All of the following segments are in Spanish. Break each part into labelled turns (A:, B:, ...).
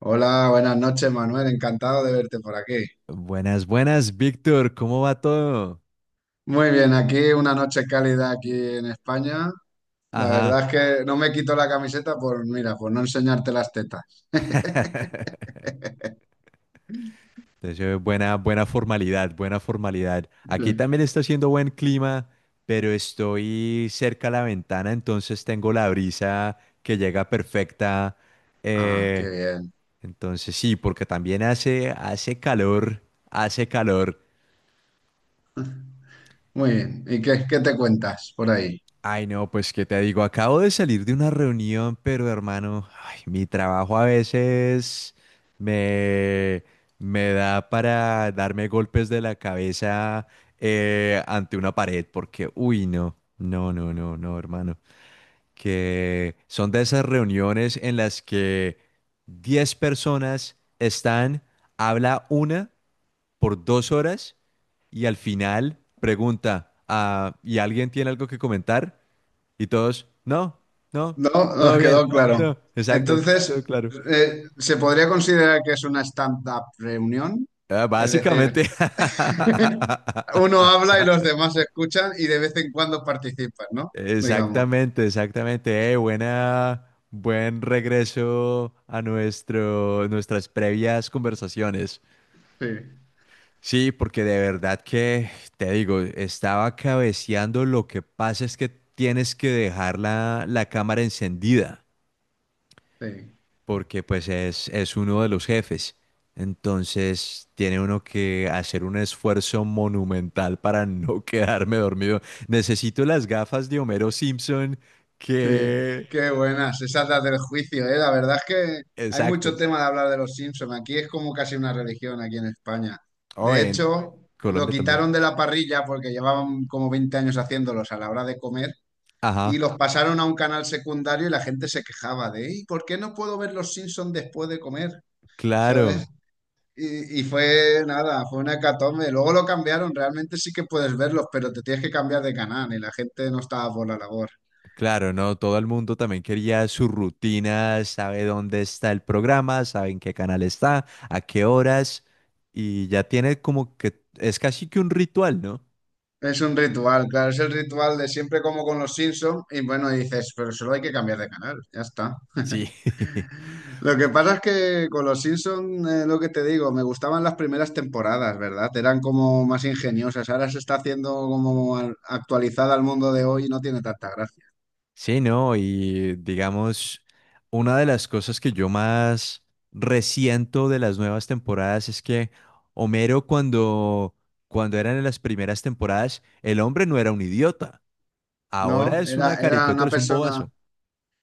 A: Hola, buenas noches, Manuel. Encantado de verte por aquí.
B: Buenas, buenas, Víctor, ¿cómo va todo?
A: Muy bien, aquí una noche cálida aquí en España. La verdad
B: Ajá.
A: es que no me quito la camiseta por, mira, por no enseñarte las tetas.
B: Entonces, buena, buena formalidad, buena formalidad. Aquí
A: Sí.
B: también está haciendo buen clima, pero estoy cerca a la ventana, entonces tengo la brisa que llega perfecta.
A: Ah, qué
B: Eh,
A: bien.
B: entonces sí, porque también hace calor, hace calor.
A: Muy bien. ¿Y qué te cuentas por ahí?
B: Ay, no, pues qué te digo, acabo de salir de una reunión, pero hermano, ay, mi trabajo a veces me, me da para darme golpes de la cabeza ante una pared, porque, uy, no, no, no, no, no, hermano, que son de esas reuniones en las que 10 personas están, habla una por 2 horas y al final pregunta, ah, ¿y alguien tiene algo que comentar? Y todos, no, no,
A: No,
B: todo
A: nos
B: bien,
A: quedó claro.
B: no, exacto,
A: Entonces,
B: todo claro.
A: ¿se podría considerar que es una stand-up reunión?
B: Ah,
A: Es decir,
B: básicamente.
A: uno habla y los demás escuchan y de vez en cuando participan, ¿no? Digamos.
B: Exactamente, exactamente. Buen regreso a nuestras previas conversaciones.
A: Sí,
B: Sí, porque de verdad que, te digo, estaba cabeceando. Lo que pasa es que tienes que dejar la cámara encendida.
A: sí,
B: Porque pues es uno de los jefes. Entonces tiene uno que hacer un esfuerzo monumental para no quedarme dormido. Necesito las gafas de Homero Simpson
A: sí.
B: que...
A: Qué buenas, esas las del juicio, ¿eh? La verdad es que hay mucho
B: Exacto.
A: tema de hablar de los Simpson. Aquí es como casi una religión aquí en España.
B: O
A: De
B: en
A: hecho, lo
B: Colombia también.
A: quitaron de la parrilla porque llevaban como 20 años haciéndolos a la hora de comer y
B: Ajá,
A: los pasaron a un canal secundario y la gente se quejaba de, ¿y por qué no puedo ver los Simpson después de comer? ¿Sabes?
B: claro,
A: Y fue nada, fue una hecatombe. Luego lo cambiaron, realmente sí que puedes verlos, pero te tienes que cambiar de canal y la gente no estaba por la labor.
B: claro, no, todo el mundo también quería su rutina, sabe dónde está el programa, sabe en qué canal está, a qué horas, y ya tiene como que es casi que un ritual, ¿no?
A: Es un ritual, claro, es el ritual de siempre como con los Simpsons y bueno, dices, pero solo hay que cambiar de canal, ya está.
B: Sí.
A: Lo que pasa es que con los Simpsons, lo que te digo, me gustaban las primeras temporadas, ¿verdad? Eran como más ingeniosas, ahora se está haciendo como actualizada al mundo de hoy y no tiene tanta gracia.
B: Sí, no, y digamos, una de las cosas que yo más resiento de las nuevas temporadas es que Homero cuando, cuando eran en las primeras temporadas, el hombre no era un idiota. Ahora
A: No,
B: es una
A: era
B: caricatura,
A: una
B: es un
A: persona.
B: bobazo.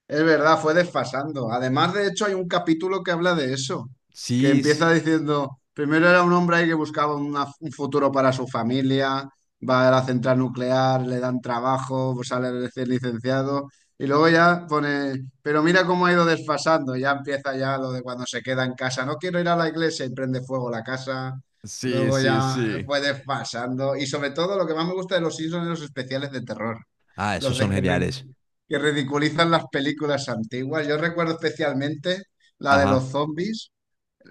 A: Es verdad, fue desfasando. Además, de hecho, hay un capítulo que habla de eso, que
B: Sí, sí,
A: empieza diciendo, primero era un hombre ahí que buscaba un futuro para su familia, va a la central nuclear, le dan trabajo, pues sale recién licenciado, y luego ya pone, pero mira cómo ha ido desfasando, ya empieza ya lo de cuando se queda en casa, no quiero ir a la iglesia y prende fuego la casa,
B: sí,
A: luego
B: sí,
A: ya
B: sí.
A: fue desfasando, y sobre todo lo que más me gusta de los Simpsons es los especiales de terror.
B: Ah, esos
A: Los de
B: son geniales.
A: que ridiculizan las películas antiguas. Yo recuerdo especialmente la de
B: Ajá.
A: los zombies,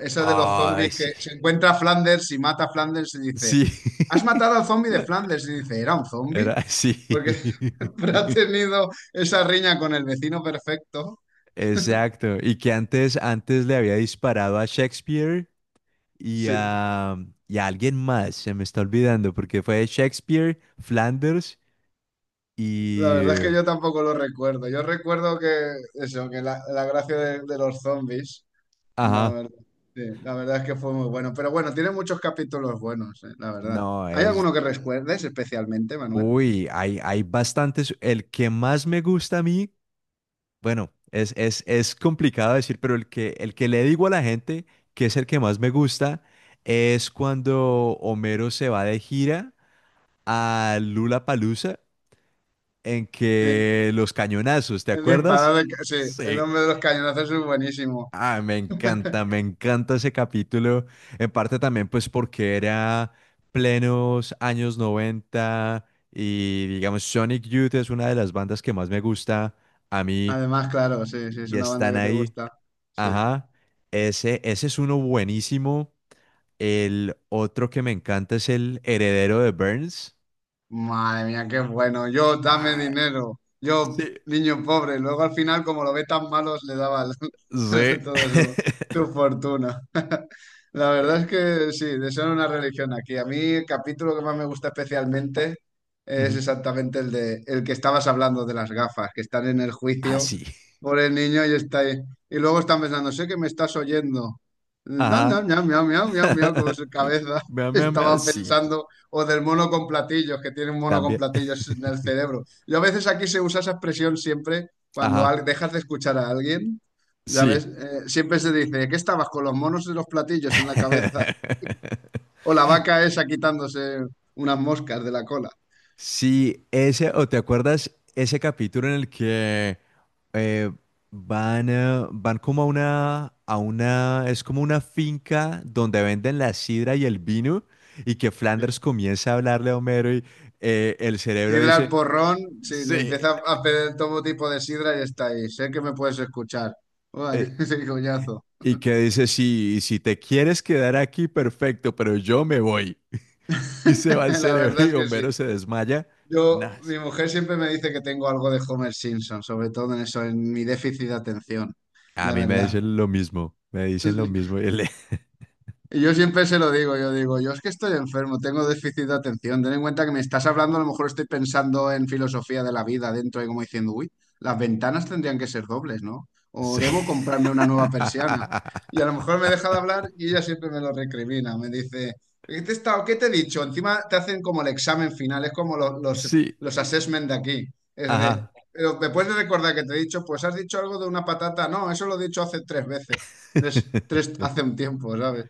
A: esa de los
B: Ay,
A: zombies que
B: sí.
A: se encuentra a Flanders y mata a Flanders y dice,
B: Sí.
A: ¿has matado al zombie de Flanders? Y dice, ¿era un zombie?
B: Era, sí.
A: Porque siempre ha tenido esa riña con el vecino perfecto.
B: Exacto. Y que antes, antes le había disparado a Shakespeare y
A: Sí,
B: a, y a alguien más, se me está olvidando, porque fue Shakespeare, Flanders
A: la verdad es
B: y...
A: que yo tampoco lo recuerdo. Yo recuerdo que eso, que la gracia de los zombies. La
B: Ajá,
A: verdad, sí, la verdad es que fue muy bueno. Pero bueno, tiene muchos capítulos buenos, la verdad.
B: no,
A: ¿Hay
B: es...
A: alguno que recuerdes especialmente, Manuel?
B: Uy, hay bastantes. El que más me gusta a mí, bueno, es complicado decir, pero el que le digo a la gente que es el que más me gusta es cuando Homero se va de gira a Lula Palusa en
A: Sí,
B: que los cañonazos, ¿te
A: el
B: acuerdas?
A: disparado de... Sí, el
B: Sí.
A: hombre de los cañonazos es buenísimo.
B: Ah, me encanta ese capítulo. En parte también, pues, porque era plenos años 90 y, digamos, Sonic Youth es una de las bandas que más me gusta a mí
A: Además, claro, sí, sí, es
B: y
A: una banda
B: están
A: que te
B: ahí.
A: gusta. Sí.
B: Ajá, ese es uno buenísimo. El otro que me encanta es el heredero de Burns.
A: Madre mía, qué bueno. Yo, dame
B: Ah,
A: dinero. Yo,
B: sí,
A: niño pobre. Luego al final, como lo ve tan malos, le daba
B: sí.
A: todo su, su fortuna. La verdad
B: Eh,
A: es que sí, desean una religión aquí. A mí el capítulo que más me gusta especialmente es
B: Ujú.
A: exactamente el de el que estabas hablando de las gafas, que están en el
B: Ah,
A: juicio
B: sí.
A: por el niño y está ahí. Y luego están pensando, sé que me estás oyendo. Miau,
B: Ajá.
A: miau, miau, miau, miau, miau, miau, como su cabeza
B: Me, me,
A: estaba
B: me, sí,
A: pensando. O del mono con platillos, que tiene un mono con
B: también.
A: platillos en el cerebro. Yo a veces aquí se usa esa expresión siempre cuando
B: Ajá,
A: dejas de escuchar a alguien, ya ves.
B: sí.
A: Siempre se dice, ¿qué estabas con los monos y los platillos en la cabeza? O la vaca esa quitándose unas moscas de la cola.
B: Sí, ese, o te acuerdas ese capítulo en el que eh, van como a es como una finca donde venden la sidra y el vino, y que
A: Sí.
B: Flanders comienza a hablarle a Homero y el cerebro
A: Sidra al
B: dice,
A: porrón, sí, le
B: sí,
A: empieza a pedir todo tipo de sidra y está ahí. Sé que me puedes escuchar. Uy,
B: eh,
A: qué coñazo.
B: y que dice, sí, si te quieres quedar aquí, perfecto, pero yo me voy. Y se va el
A: La
B: cerebro
A: verdad
B: y
A: es que
B: Homero
A: sí.
B: se desmaya.
A: Yo,
B: Nah,
A: mi mujer siempre me dice que tengo algo de Homer Simpson, sobre todo en eso, en mi déficit de atención,
B: a
A: de
B: mí me
A: verdad.
B: dicen lo mismo, me dicen lo mismo. Y le-
A: Y yo siempre se lo digo, yo es que estoy enfermo, tengo déficit de atención. Ten en cuenta que me estás hablando, a lo mejor estoy pensando en filosofía de la vida dentro y como diciendo, uy, las ventanas tendrían que ser dobles, ¿no? O
B: Sí.
A: debo comprarme una nueva persiana. Y a lo mejor me deja de hablar y ella siempre me lo recrimina, me dice, ¿qué te he estado, qué te he dicho? Encima te hacen como el examen final, es como
B: Sí,
A: los assessment de aquí. Es de,
B: ajá.
A: pero me puedes recordar que te he dicho, pues has dicho algo de una patata, no, eso lo he dicho hace 3 veces, hace un tiempo, ¿sabes?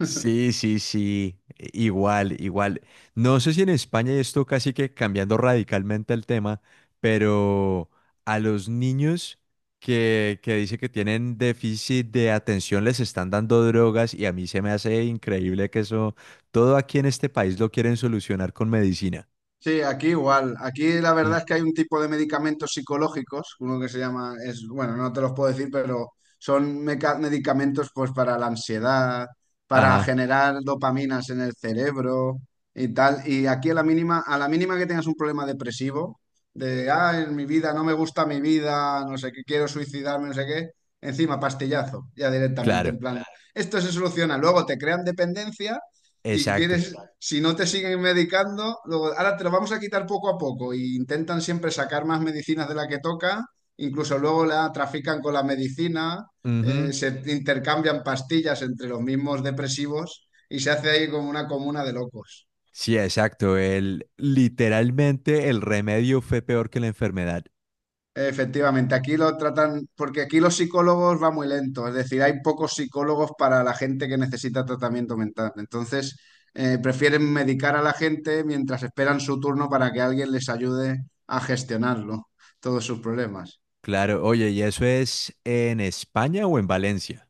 B: Sí, sí, sí, i- igual, igual. No sé si en España y esto casi que cambiando radicalmente el tema, pero a los niños que dice que tienen déficit de atención les están dando drogas y a mí se me hace increíble que eso, todo aquí en este país lo quieren solucionar con medicina.
A: Sí, aquí igual. Aquí la
B: Sí.
A: verdad es que hay un tipo de medicamentos psicológicos, uno que se llama, es, bueno, no te los puedo decir, pero son medicamentos pues para la ansiedad, para
B: Ajá,
A: generar dopaminas en el cerebro y tal. Y aquí a la mínima que tengas un problema depresivo, de, ah, en mi vida, no me gusta mi vida, no sé qué, quiero suicidarme, no sé qué, encima pastillazo, ya directamente,
B: claro.
A: en plan, claro, esto se soluciona. Luego te crean dependencia y
B: Exacto.
A: quieres si no te siguen medicando, luego, ahora te lo vamos a quitar poco a poco y intentan siempre sacar más medicinas de la que toca, incluso luego la trafican con la medicina,
B: Ujú.
A: se intercambian pastillas entre los mismos depresivos y se hace ahí como una comuna de locos.
B: Sí, exacto. El, literalmente el remedio fue peor que la enfermedad.
A: Efectivamente, aquí lo tratan, porque aquí los psicólogos va muy lento, es decir, hay pocos psicólogos para la gente que necesita tratamiento mental. Entonces, prefieren medicar a la gente mientras esperan su turno para que alguien les ayude a gestionarlo, todos sus problemas.
B: Claro, oye, ¿y eso es en España o en Valencia?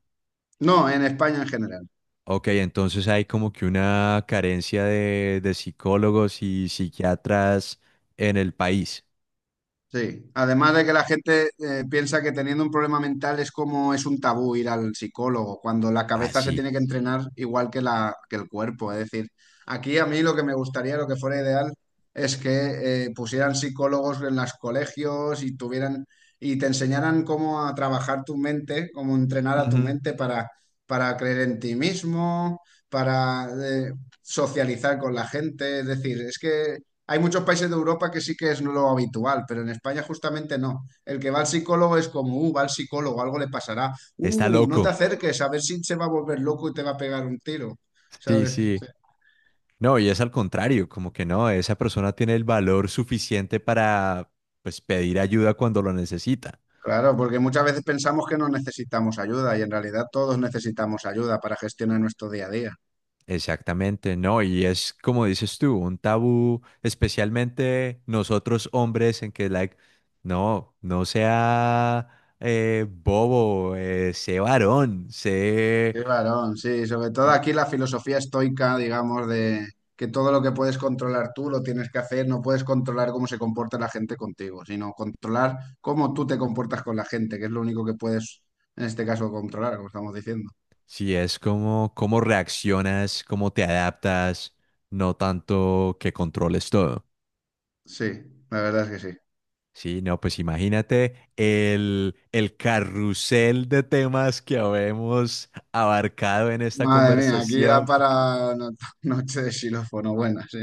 A: No, en España en general.
B: Ok, entonces hay como que una carencia de psicólogos y psiquiatras en el país.
A: Sí, además de que la gente piensa que teniendo un problema mental es como es un tabú ir al psicólogo, cuando la
B: Ah,
A: cabeza se
B: sí.
A: tiene que entrenar igual que la, que el cuerpo. Es decir, aquí a mí lo que me gustaría, lo que fuera ideal, es que pusieran psicólogos en los colegios y tuvieran y te enseñaran cómo a trabajar tu mente, cómo entrenar a tu
B: Ujú.
A: mente para creer en ti mismo, para socializar con la gente. Es decir, es que hay muchos países de Europa que sí que es lo habitual, pero en España justamente no. El que va al psicólogo es como, va al psicólogo, algo le pasará.
B: Está
A: No te
B: loco.
A: acerques, a ver si se va a volver loco y te va a pegar un tiro,
B: Sí,
A: ¿sabes?
B: sí.
A: Sí.
B: No, y es al contrario, como que no, esa persona tiene el valor suficiente para, pues, pedir ayuda cuando lo necesita.
A: Claro, porque muchas veces pensamos que no necesitamos ayuda y en realidad todos necesitamos ayuda para gestionar nuestro día a día.
B: Exactamente, no, y es como dices tú, un tabú, especialmente nosotros hombres, en que, like, no, no sea bobo, sé varón, sé.
A: Qué varón, sí, sobre todo
B: Y
A: aquí la filosofía estoica, digamos, de que todo lo que puedes controlar tú lo tienes que hacer, no puedes controlar cómo se comporta la gente contigo, sino controlar cómo tú te comportas con la gente, que es lo único que puedes, en este caso, controlar, como estamos diciendo.
B: sí, es como cómo reaccionas, cómo te adaptas, no tanto que controles todo.
A: Sí, la verdad es que sí.
B: Sí, no, pues imagínate el carrusel de temas que habemos abarcado en esta
A: Madre mía, aquí da
B: conversación.
A: para noche de xilófono, buena, sí.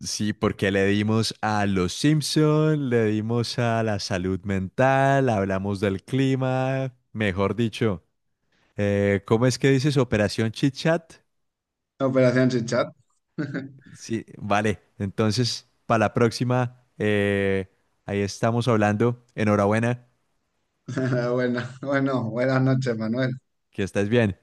B: Sí, porque le dimos a los Simpson, le dimos a la salud mental, hablamos del clima, mejor dicho. ¿Cómo es que dices Operación Chit Chat?
A: Operación Chichat.
B: Sí, vale. Entonces, para la próxima, ahí estamos hablando. Enhorabuena,
A: Buena, bueno, buenas noches, Manuel.
B: que estés bien.